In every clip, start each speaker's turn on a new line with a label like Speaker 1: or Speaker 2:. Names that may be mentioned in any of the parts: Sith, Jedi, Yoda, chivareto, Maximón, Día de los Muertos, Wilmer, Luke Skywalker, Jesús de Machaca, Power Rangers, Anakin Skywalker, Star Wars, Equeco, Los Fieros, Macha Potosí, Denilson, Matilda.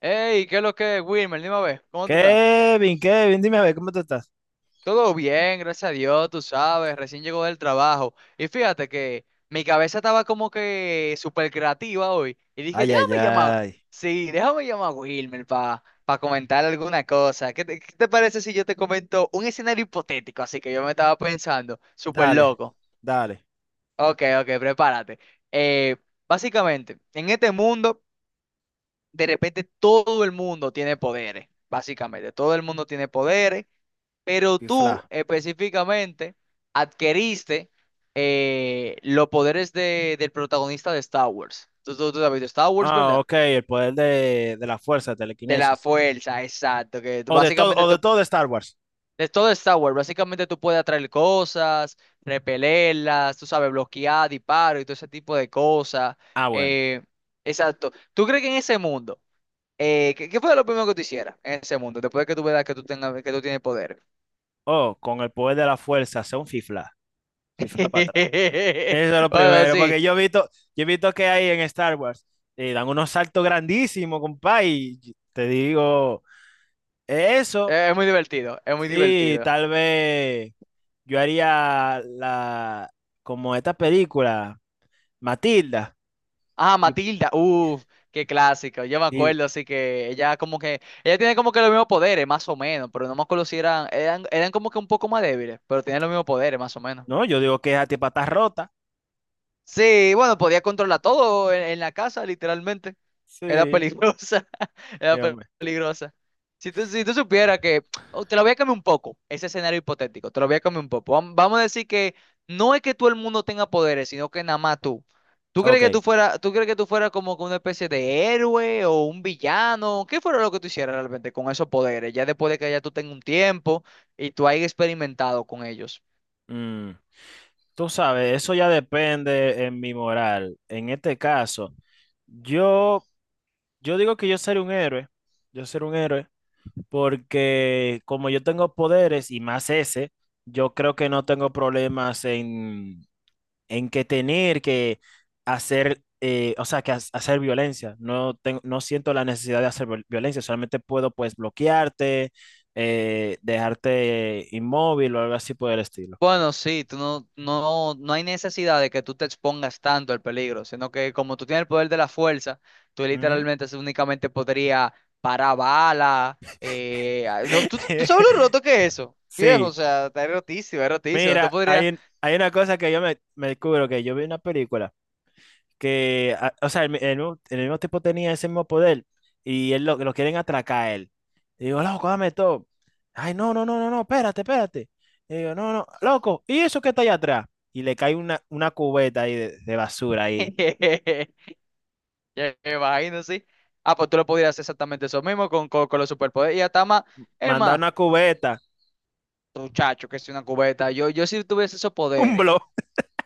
Speaker 1: Hey, ¿qué es lo que es, Wilmer? Dime a ver, ¿cómo tú estás?
Speaker 2: Kevin, Kevin, dime a ver, ¿cómo te estás?
Speaker 1: Todo bien, gracias a Dios, tú sabes, recién llegó del trabajo. Y fíjate que mi cabeza estaba como que súper creativa hoy. Y dije,
Speaker 2: Ay, ay,
Speaker 1: déjame llamar,
Speaker 2: ay.
Speaker 1: sí, déjame llamar a Wilmer para comentar alguna cosa. ¿Qué te parece si yo te comento un escenario hipotético? Así que yo me estaba pensando, súper
Speaker 2: Dale,
Speaker 1: loco.
Speaker 2: dale,
Speaker 1: Ok, ok, prepárate. Eh, Básicamente, en este mundo, de repente todo el mundo tiene poderes. Básicamente, todo el mundo tiene poderes. Pero
Speaker 2: pifla.
Speaker 1: tú específicamente adquiriste los poderes del protagonista de Star Wars. Tú has visto Star Wars,
Speaker 2: Ah,
Speaker 1: ¿verdad?
Speaker 2: ok, el poder de la fuerza,
Speaker 1: De la
Speaker 2: telequinesis.
Speaker 1: fuerza, exacto. Que tú
Speaker 2: O
Speaker 1: básicamente
Speaker 2: de
Speaker 1: tú,
Speaker 2: todo de Star Wars.
Speaker 1: de todo Star Wars, básicamente tú puedes atraer cosas, repelerlas, tú sabes, bloquear, disparos y todo ese tipo de cosas.
Speaker 2: Ah, bueno.
Speaker 1: Eh, exacto. ¿Tú crees que en ese mundo, ¿qué, qué fue lo primero que tú hicieras en ese mundo? Después de que tú veas que tú tengas, que tú tienes poder.
Speaker 2: Oh, con el poder de la fuerza, hace un fifla. Fifla para atrás. Eso es lo
Speaker 1: Bueno,
Speaker 2: primero,
Speaker 1: sí.
Speaker 2: porque yo he visto que hay en Star Wars. Dan unos saltos grandísimos, compa, y te digo, eso,
Speaker 1: Es muy divertido, es muy
Speaker 2: sí,
Speaker 1: divertido.
Speaker 2: tal vez yo haría la, como esta película. Matilda.
Speaker 1: Ah,
Speaker 2: Y,
Speaker 1: Matilda, uff, qué clásico. Yo me
Speaker 2: y-
Speaker 1: acuerdo, así que ella como que, ella tiene como que los mismos poderes, más o menos, pero no me acuerdo si eran como que un poco más débiles, pero tienen los mismos poderes, más o menos.
Speaker 2: no, yo digo que es a ti patas rota.
Speaker 1: Sí, bueno, podía controlar todo en la casa, literalmente. Era
Speaker 2: Sí,
Speaker 1: peligrosa, era
Speaker 2: dígame.
Speaker 1: peligrosa. Si tú supieras que, oh, te lo voy a cambiar un poco, ese escenario hipotético, te lo voy a cambiar un poco. Vamos a decir que no es que todo el mundo tenga poderes, sino que nada más tú. ¿Tú crees que
Speaker 2: Ok.
Speaker 1: tú fuera, tú crees que tú fuera como que una especie de héroe o un villano? ¿Qué fuera lo que tú hicieras realmente con esos poderes? Ya después de que ya tú tengas un tiempo y tú hayas experimentado con ellos.
Speaker 2: mm, Tú sabes, eso ya depende en mi moral. En este caso, yo, yo digo que yo seré un héroe. Yo seré un héroe porque como yo tengo poderes y más ese, yo creo que no tengo problemas en que tener que hacer, o sea, que hacer violencia. No tengo, no siento la necesidad de hacer violencia, solamente puedo pues bloquearte, dejarte inmóvil o algo así por el estilo.
Speaker 1: Bueno, sí, tú no, no, no hay necesidad de que tú te expongas tanto al peligro, sino que como tú tienes el poder de la fuerza, tú
Speaker 2: Ujú.
Speaker 1: literalmente únicamente podría parar bala. No, ¿tú, tú sabes lo roto que es eso, viejo, o
Speaker 2: Sí,
Speaker 1: sea, está rotísimo, es rotísimo, no te
Speaker 2: mira,
Speaker 1: podrías...
Speaker 2: hay una cosa que yo me descubro, que yo vi una película. Que, o sea, el mismo tipo tenía ese mismo poder y él lo quieren atracar a él. Y digo, loco, dame todo. Ay, no, no, no, no, no, espérate, espérate. Y digo, no, no, loco, ¿y eso que está allá atrás? Y le cae una cubeta ahí de basura ahí.
Speaker 1: Ya me imagino, sí. Ah, pues tú lo podrías hacer exactamente eso mismo con los superpoderes. Y hasta más, es
Speaker 2: Manda
Speaker 1: más,
Speaker 2: una cubeta,
Speaker 1: muchacho, que es una cubeta. Yo si tuviese esos
Speaker 2: un
Speaker 1: poderes.
Speaker 2: blog.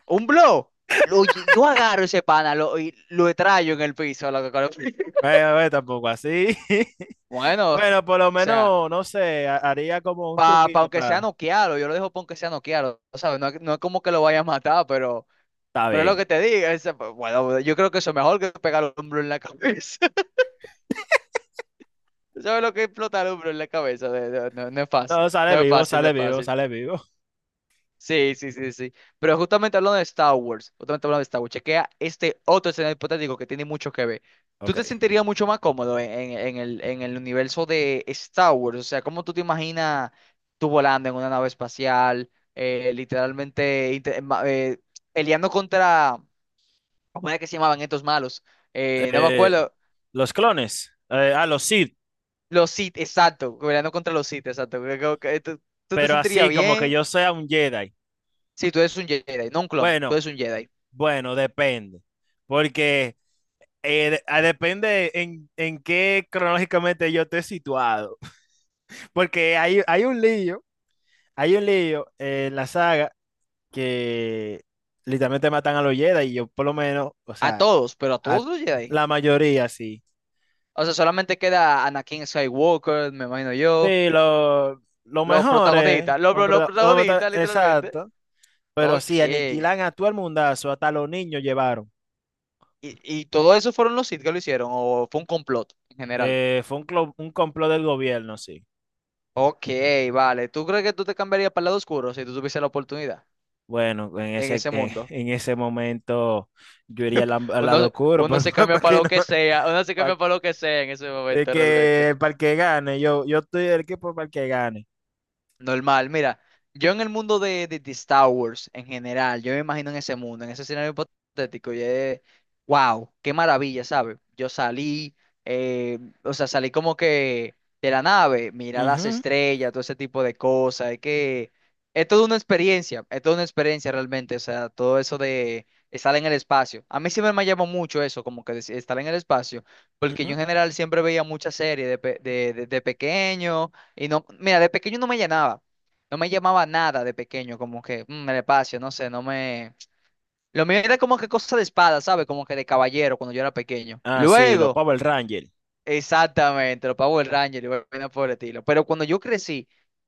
Speaker 1: Un blow. Oye, yo agarro ese pana lo, y lo traigo en el piso. Loco,
Speaker 2: Bueno, tampoco así.
Speaker 1: Bueno, o
Speaker 2: Bueno, por lo
Speaker 1: sea,
Speaker 2: menos, no sé, haría como un
Speaker 1: para
Speaker 2: truquito
Speaker 1: aunque sea
Speaker 2: para...
Speaker 1: noquearlo, yo lo dejo para aunque sea noquearlo, ¿sabes? No, no es como que lo vaya a matar,
Speaker 2: Está
Speaker 1: pero es lo
Speaker 2: bien.
Speaker 1: que te digo. Bueno, yo creo que eso es mejor que pegar un blow en la cabeza. ¿Sabes lo que es explotar un blow en la cabeza? No, no es fácil.
Speaker 2: No,
Speaker 1: No
Speaker 2: sale
Speaker 1: es
Speaker 2: vivo,
Speaker 1: fácil, no
Speaker 2: sale
Speaker 1: es
Speaker 2: vivo,
Speaker 1: fácil.
Speaker 2: sale vivo.
Speaker 1: Sí, sí, sí, sí. Pero justamente hablando de Star Wars, justamente hablando de Star Wars, chequea este otro escenario hipotético que tiene mucho que ver. ¿Tú te
Speaker 2: Ok.
Speaker 1: sentirías mucho más cómodo en el universo de Star Wars? O sea, ¿cómo tú te imaginas tú volando en una nave espacial, literalmente peleando contra, ¿cómo era que se llamaban estos malos? No me
Speaker 2: Eh,
Speaker 1: acuerdo.
Speaker 2: los clones. Los Sith.
Speaker 1: Los Sith, exacto, peleando contra los Sith, exacto. ¿Tú, tú te
Speaker 2: Pero
Speaker 1: sentirías
Speaker 2: así como que
Speaker 1: bien?
Speaker 2: yo sea un Jedi.
Speaker 1: Sí, tú eres un Jedi, no un clon, tú
Speaker 2: Bueno,
Speaker 1: eres un Jedi.
Speaker 2: bueno, depende. Porque depende en qué cronológicamente yo esté situado. Porque hay, hay un lío en la saga que literalmente matan a los Jedi y yo por lo menos, o
Speaker 1: A
Speaker 2: sea,
Speaker 1: todos, pero a
Speaker 2: a
Speaker 1: todos los Jedi.
Speaker 2: la mayoría sí.
Speaker 1: O sea, solamente queda Anakin Skywalker, me imagino yo.
Speaker 2: Sí, lo mejor es, no,
Speaker 1: Los
Speaker 2: perdón, lo-
Speaker 1: protagonistas, literalmente.
Speaker 2: exacto, pero sí,
Speaker 1: Ok.
Speaker 2: aniquilan a todo el mundazo, hasta los niños llevaron.
Speaker 1: Y todo eso fueron los Sith que lo hicieron? ¿O fue un complot en general?
Speaker 2: Fue un, un complot del gobierno, sí.
Speaker 1: Ok, vale. ¿Tú crees que tú te cambiarías para el lado oscuro si tú tuviese la oportunidad
Speaker 2: Bueno, en
Speaker 1: en
Speaker 2: ese,
Speaker 1: ese mundo?
Speaker 2: en ese momento yo iría al, al lado
Speaker 1: Uno,
Speaker 2: oscuro
Speaker 1: uno se cambia
Speaker 2: para
Speaker 1: para
Speaker 2: que
Speaker 1: lo
Speaker 2: no,
Speaker 1: que sea, uno se cambia
Speaker 2: para,
Speaker 1: para lo que sea en ese momento realmente.
Speaker 2: que, para el que gane. Yo estoy del equipo para el que gane.
Speaker 1: Normal, mira, yo en el mundo de Star Wars en general, yo me imagino en ese mundo, en ese escenario hipotético, y es, wow, qué maravilla, ¿sabes? Yo salí, eh, o sea, salí como que de la nave, mirar las
Speaker 2: Ujú,
Speaker 1: estrellas, todo ese tipo de cosas, es que es toda una experiencia, es toda una experiencia realmente, o sea, todo eso de estar en el espacio. A mí siempre me llamó mucho eso, como que estar en el espacio, porque yo
Speaker 2: ujú.
Speaker 1: en general siempre veía muchas series de, de pequeño. Y no, mira, de pequeño no me llenaba. No me llamaba nada de pequeño, como que el espacio, no sé, no me... Lo mío era como que cosa de espada, ¿sabes? Como que de caballero cuando yo era pequeño.
Speaker 2: Ah, sí, los
Speaker 1: Luego,
Speaker 2: Power Rangers.
Speaker 1: exactamente, los Power Rangers y vaina por el estilo. Pero cuando yo crecí,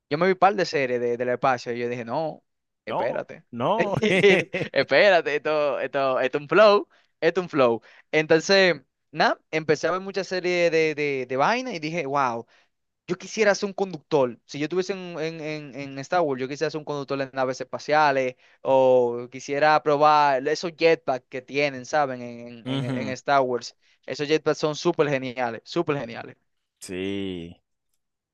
Speaker 1: yo me vi par de series de, del espacio y yo dije, no,
Speaker 2: No,
Speaker 1: espérate.
Speaker 2: no.
Speaker 1: Espérate, esto es un flow, esto es un flow. Entonces, nada, empecé a ver muchas series de vaina y dije, wow. Yo quisiera ser un conductor. Si yo estuviese en Star Wars, yo quisiera ser un conductor en naves espaciales o quisiera probar esos jetpacks que tienen, ¿saben? En
Speaker 2: Ujú,
Speaker 1: Star Wars. Esos jetpacks son súper geniales, súper geniales.
Speaker 2: sí,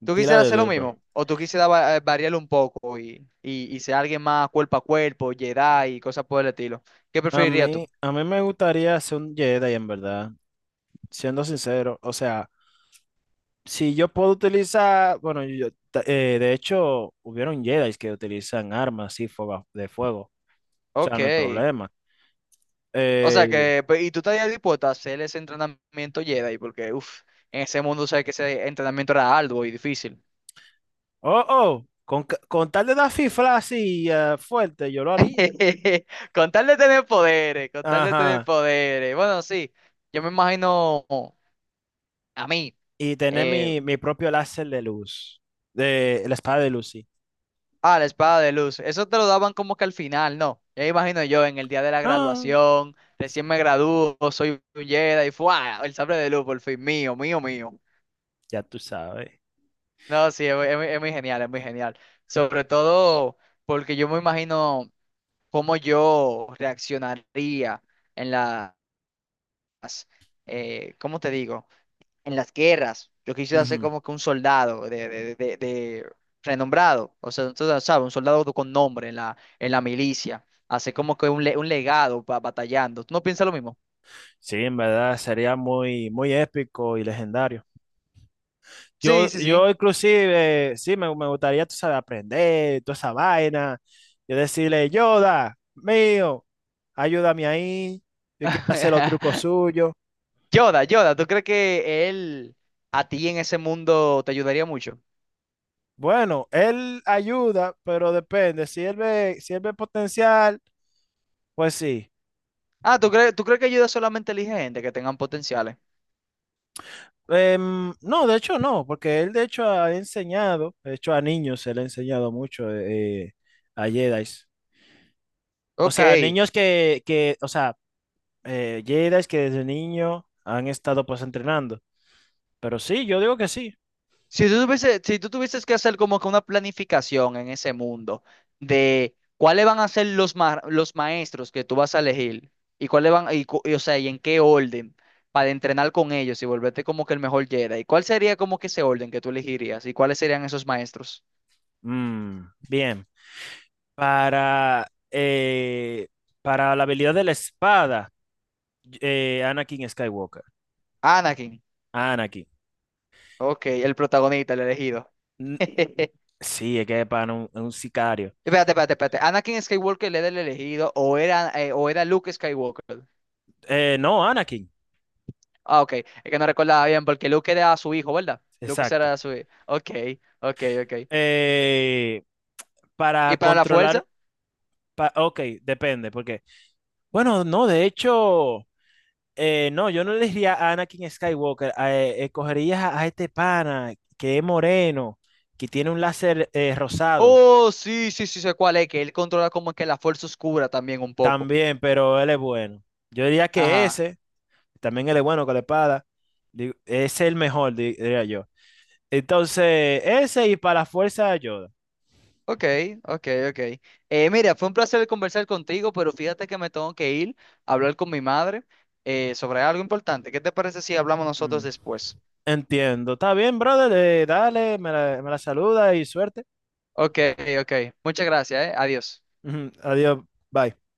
Speaker 1: ¿Tú
Speaker 2: pila
Speaker 1: quisieras
Speaker 2: de
Speaker 1: hacer lo
Speaker 2: duro.
Speaker 1: mismo? ¿O tú quisieras variarlo un poco y ser alguien más cuerpo a cuerpo, Jedi y cosas por el estilo? ¿Qué preferirías tú?
Speaker 2: A mí me gustaría ser un Jedi, en verdad, siendo sincero. O sea, si yo puedo utilizar, bueno, de hecho, hubieron Jedi que utilizan armas y fuego, de fuego, o sea,
Speaker 1: Ok.
Speaker 2: no hay problema.
Speaker 1: O sea
Speaker 2: Eh,
Speaker 1: que, y tú estarías dispuesto a hacer ese entrenamiento Jedi porque, uff, en ese mundo sabes que ese entrenamiento era arduo y difícil.
Speaker 2: oh, oh, con, con tal de dar fifla así fuerte, yo lo haría.
Speaker 1: Con tal de tener poderes, con tal de tener
Speaker 2: Ajá,
Speaker 1: poderes. Bueno, sí, yo me imagino a mí,
Speaker 2: y tener
Speaker 1: eh,
Speaker 2: mi, mi propio láser de luz, de la espada de luz, sí.
Speaker 1: la espada de luz. Eso te lo daban como que al final, ¿no? Ya me imagino yo en el día de la
Speaker 2: No,
Speaker 1: graduación, recién me gradúo, soy un Jedi, ¡fua! El sable de luz, por fin, mío, mío, mío.
Speaker 2: ya tú sabes.
Speaker 1: No, sí, es muy genial, es muy genial. Sobre todo porque yo me imagino cómo yo reaccionaría en las, ¿cómo te digo? En las guerras. Yo quisiera ser
Speaker 2: Ujú.
Speaker 1: como que un soldado de renombrado, o sea, tú sabes, un soldado con nombre en la milicia, hacer como que un, un legado batallando. ¿Tú no piensas lo mismo?
Speaker 2: Sí, en verdad sería muy, muy épico y legendario. Yo,
Speaker 1: Sí, sí, sí.
Speaker 2: yo inclusive, sí, me gustaría, tú sabes, aprender toda esa vaina. Yo decirle, Yoda, mío, ayúdame ahí. Yo quiero hacer los trucos suyos.
Speaker 1: Yoda, Yoda, ¿tú crees que él a ti en ese mundo te ayudaría mucho?
Speaker 2: Bueno, él ayuda, pero depende. Si él ve, si él ve potencial, pues sí.
Speaker 1: Ah, tú crees que ayuda solamente elige gente que tengan potenciales?
Speaker 2: No, de hecho no, porque él de hecho ha enseñado, de hecho a niños se le ha enseñado mucho a Jedi. O
Speaker 1: Ok.
Speaker 2: sea, niños que o sea, Jedis que desde niño han estado pues entrenando. Pero sí, yo digo que sí.
Speaker 1: Si tú tuvieses que hacer como que una planificación en ese mundo de cuáles van a ser los, los maestros que tú vas a elegir y cuáles van, o sea, y en qué orden para entrenar con ellos y volverte como que el mejor Jedi, ¿cuál sería como que ese orden que tú elegirías y cuáles serían esos maestros?
Speaker 2: Mm, Bien. Para, eh, para la habilidad de la espada, Anakin Skywalker.
Speaker 1: Anakin,
Speaker 2: Anakin.
Speaker 1: ok, el protagonista, el elegido.
Speaker 2: Mm, Sí, es que es para un sicario.
Speaker 1: Espérate, espérate, espérate. ¿Anakin Skywalker era el elegido o era Luke Skywalker?
Speaker 2: No, Anakin.
Speaker 1: Ah, ok. Es que no recordaba bien, porque Luke era su hijo, ¿verdad? Luke
Speaker 2: Exacto.
Speaker 1: era su hijo. Ok, ok, ok.
Speaker 2: Eh, para
Speaker 1: ¿Y para la fuerza?
Speaker 2: controlar. Ok, depende, porque. Bueno, no, de hecho. No, yo no le diría a Anakin Skywalker. Escogerías a este pana que es moreno, que tiene un láser rosado.
Speaker 1: Oh, sí, sí, sí, sé cuál es, que él controla como que la fuerza oscura también un poco.
Speaker 2: También, pero él es bueno. Yo diría que
Speaker 1: Ajá.
Speaker 2: ese, también él es bueno con la espada, es el mejor, diría yo. Entonces, ese y para la fuerza de Yoda.
Speaker 1: Ok, ok, ok. Mira, fue un placer conversar contigo, pero fíjate que me tengo que ir a hablar con mi madre sobre algo importante. ¿Qué te parece si hablamos nosotros
Speaker 2: Mm,
Speaker 1: después?
Speaker 2: Entiendo. Está bien, brother. Dale, me la saluda y suerte.
Speaker 1: Ok, ok. Muchas gracias, eh. Adiós.
Speaker 2: Ujú, adiós. Bye.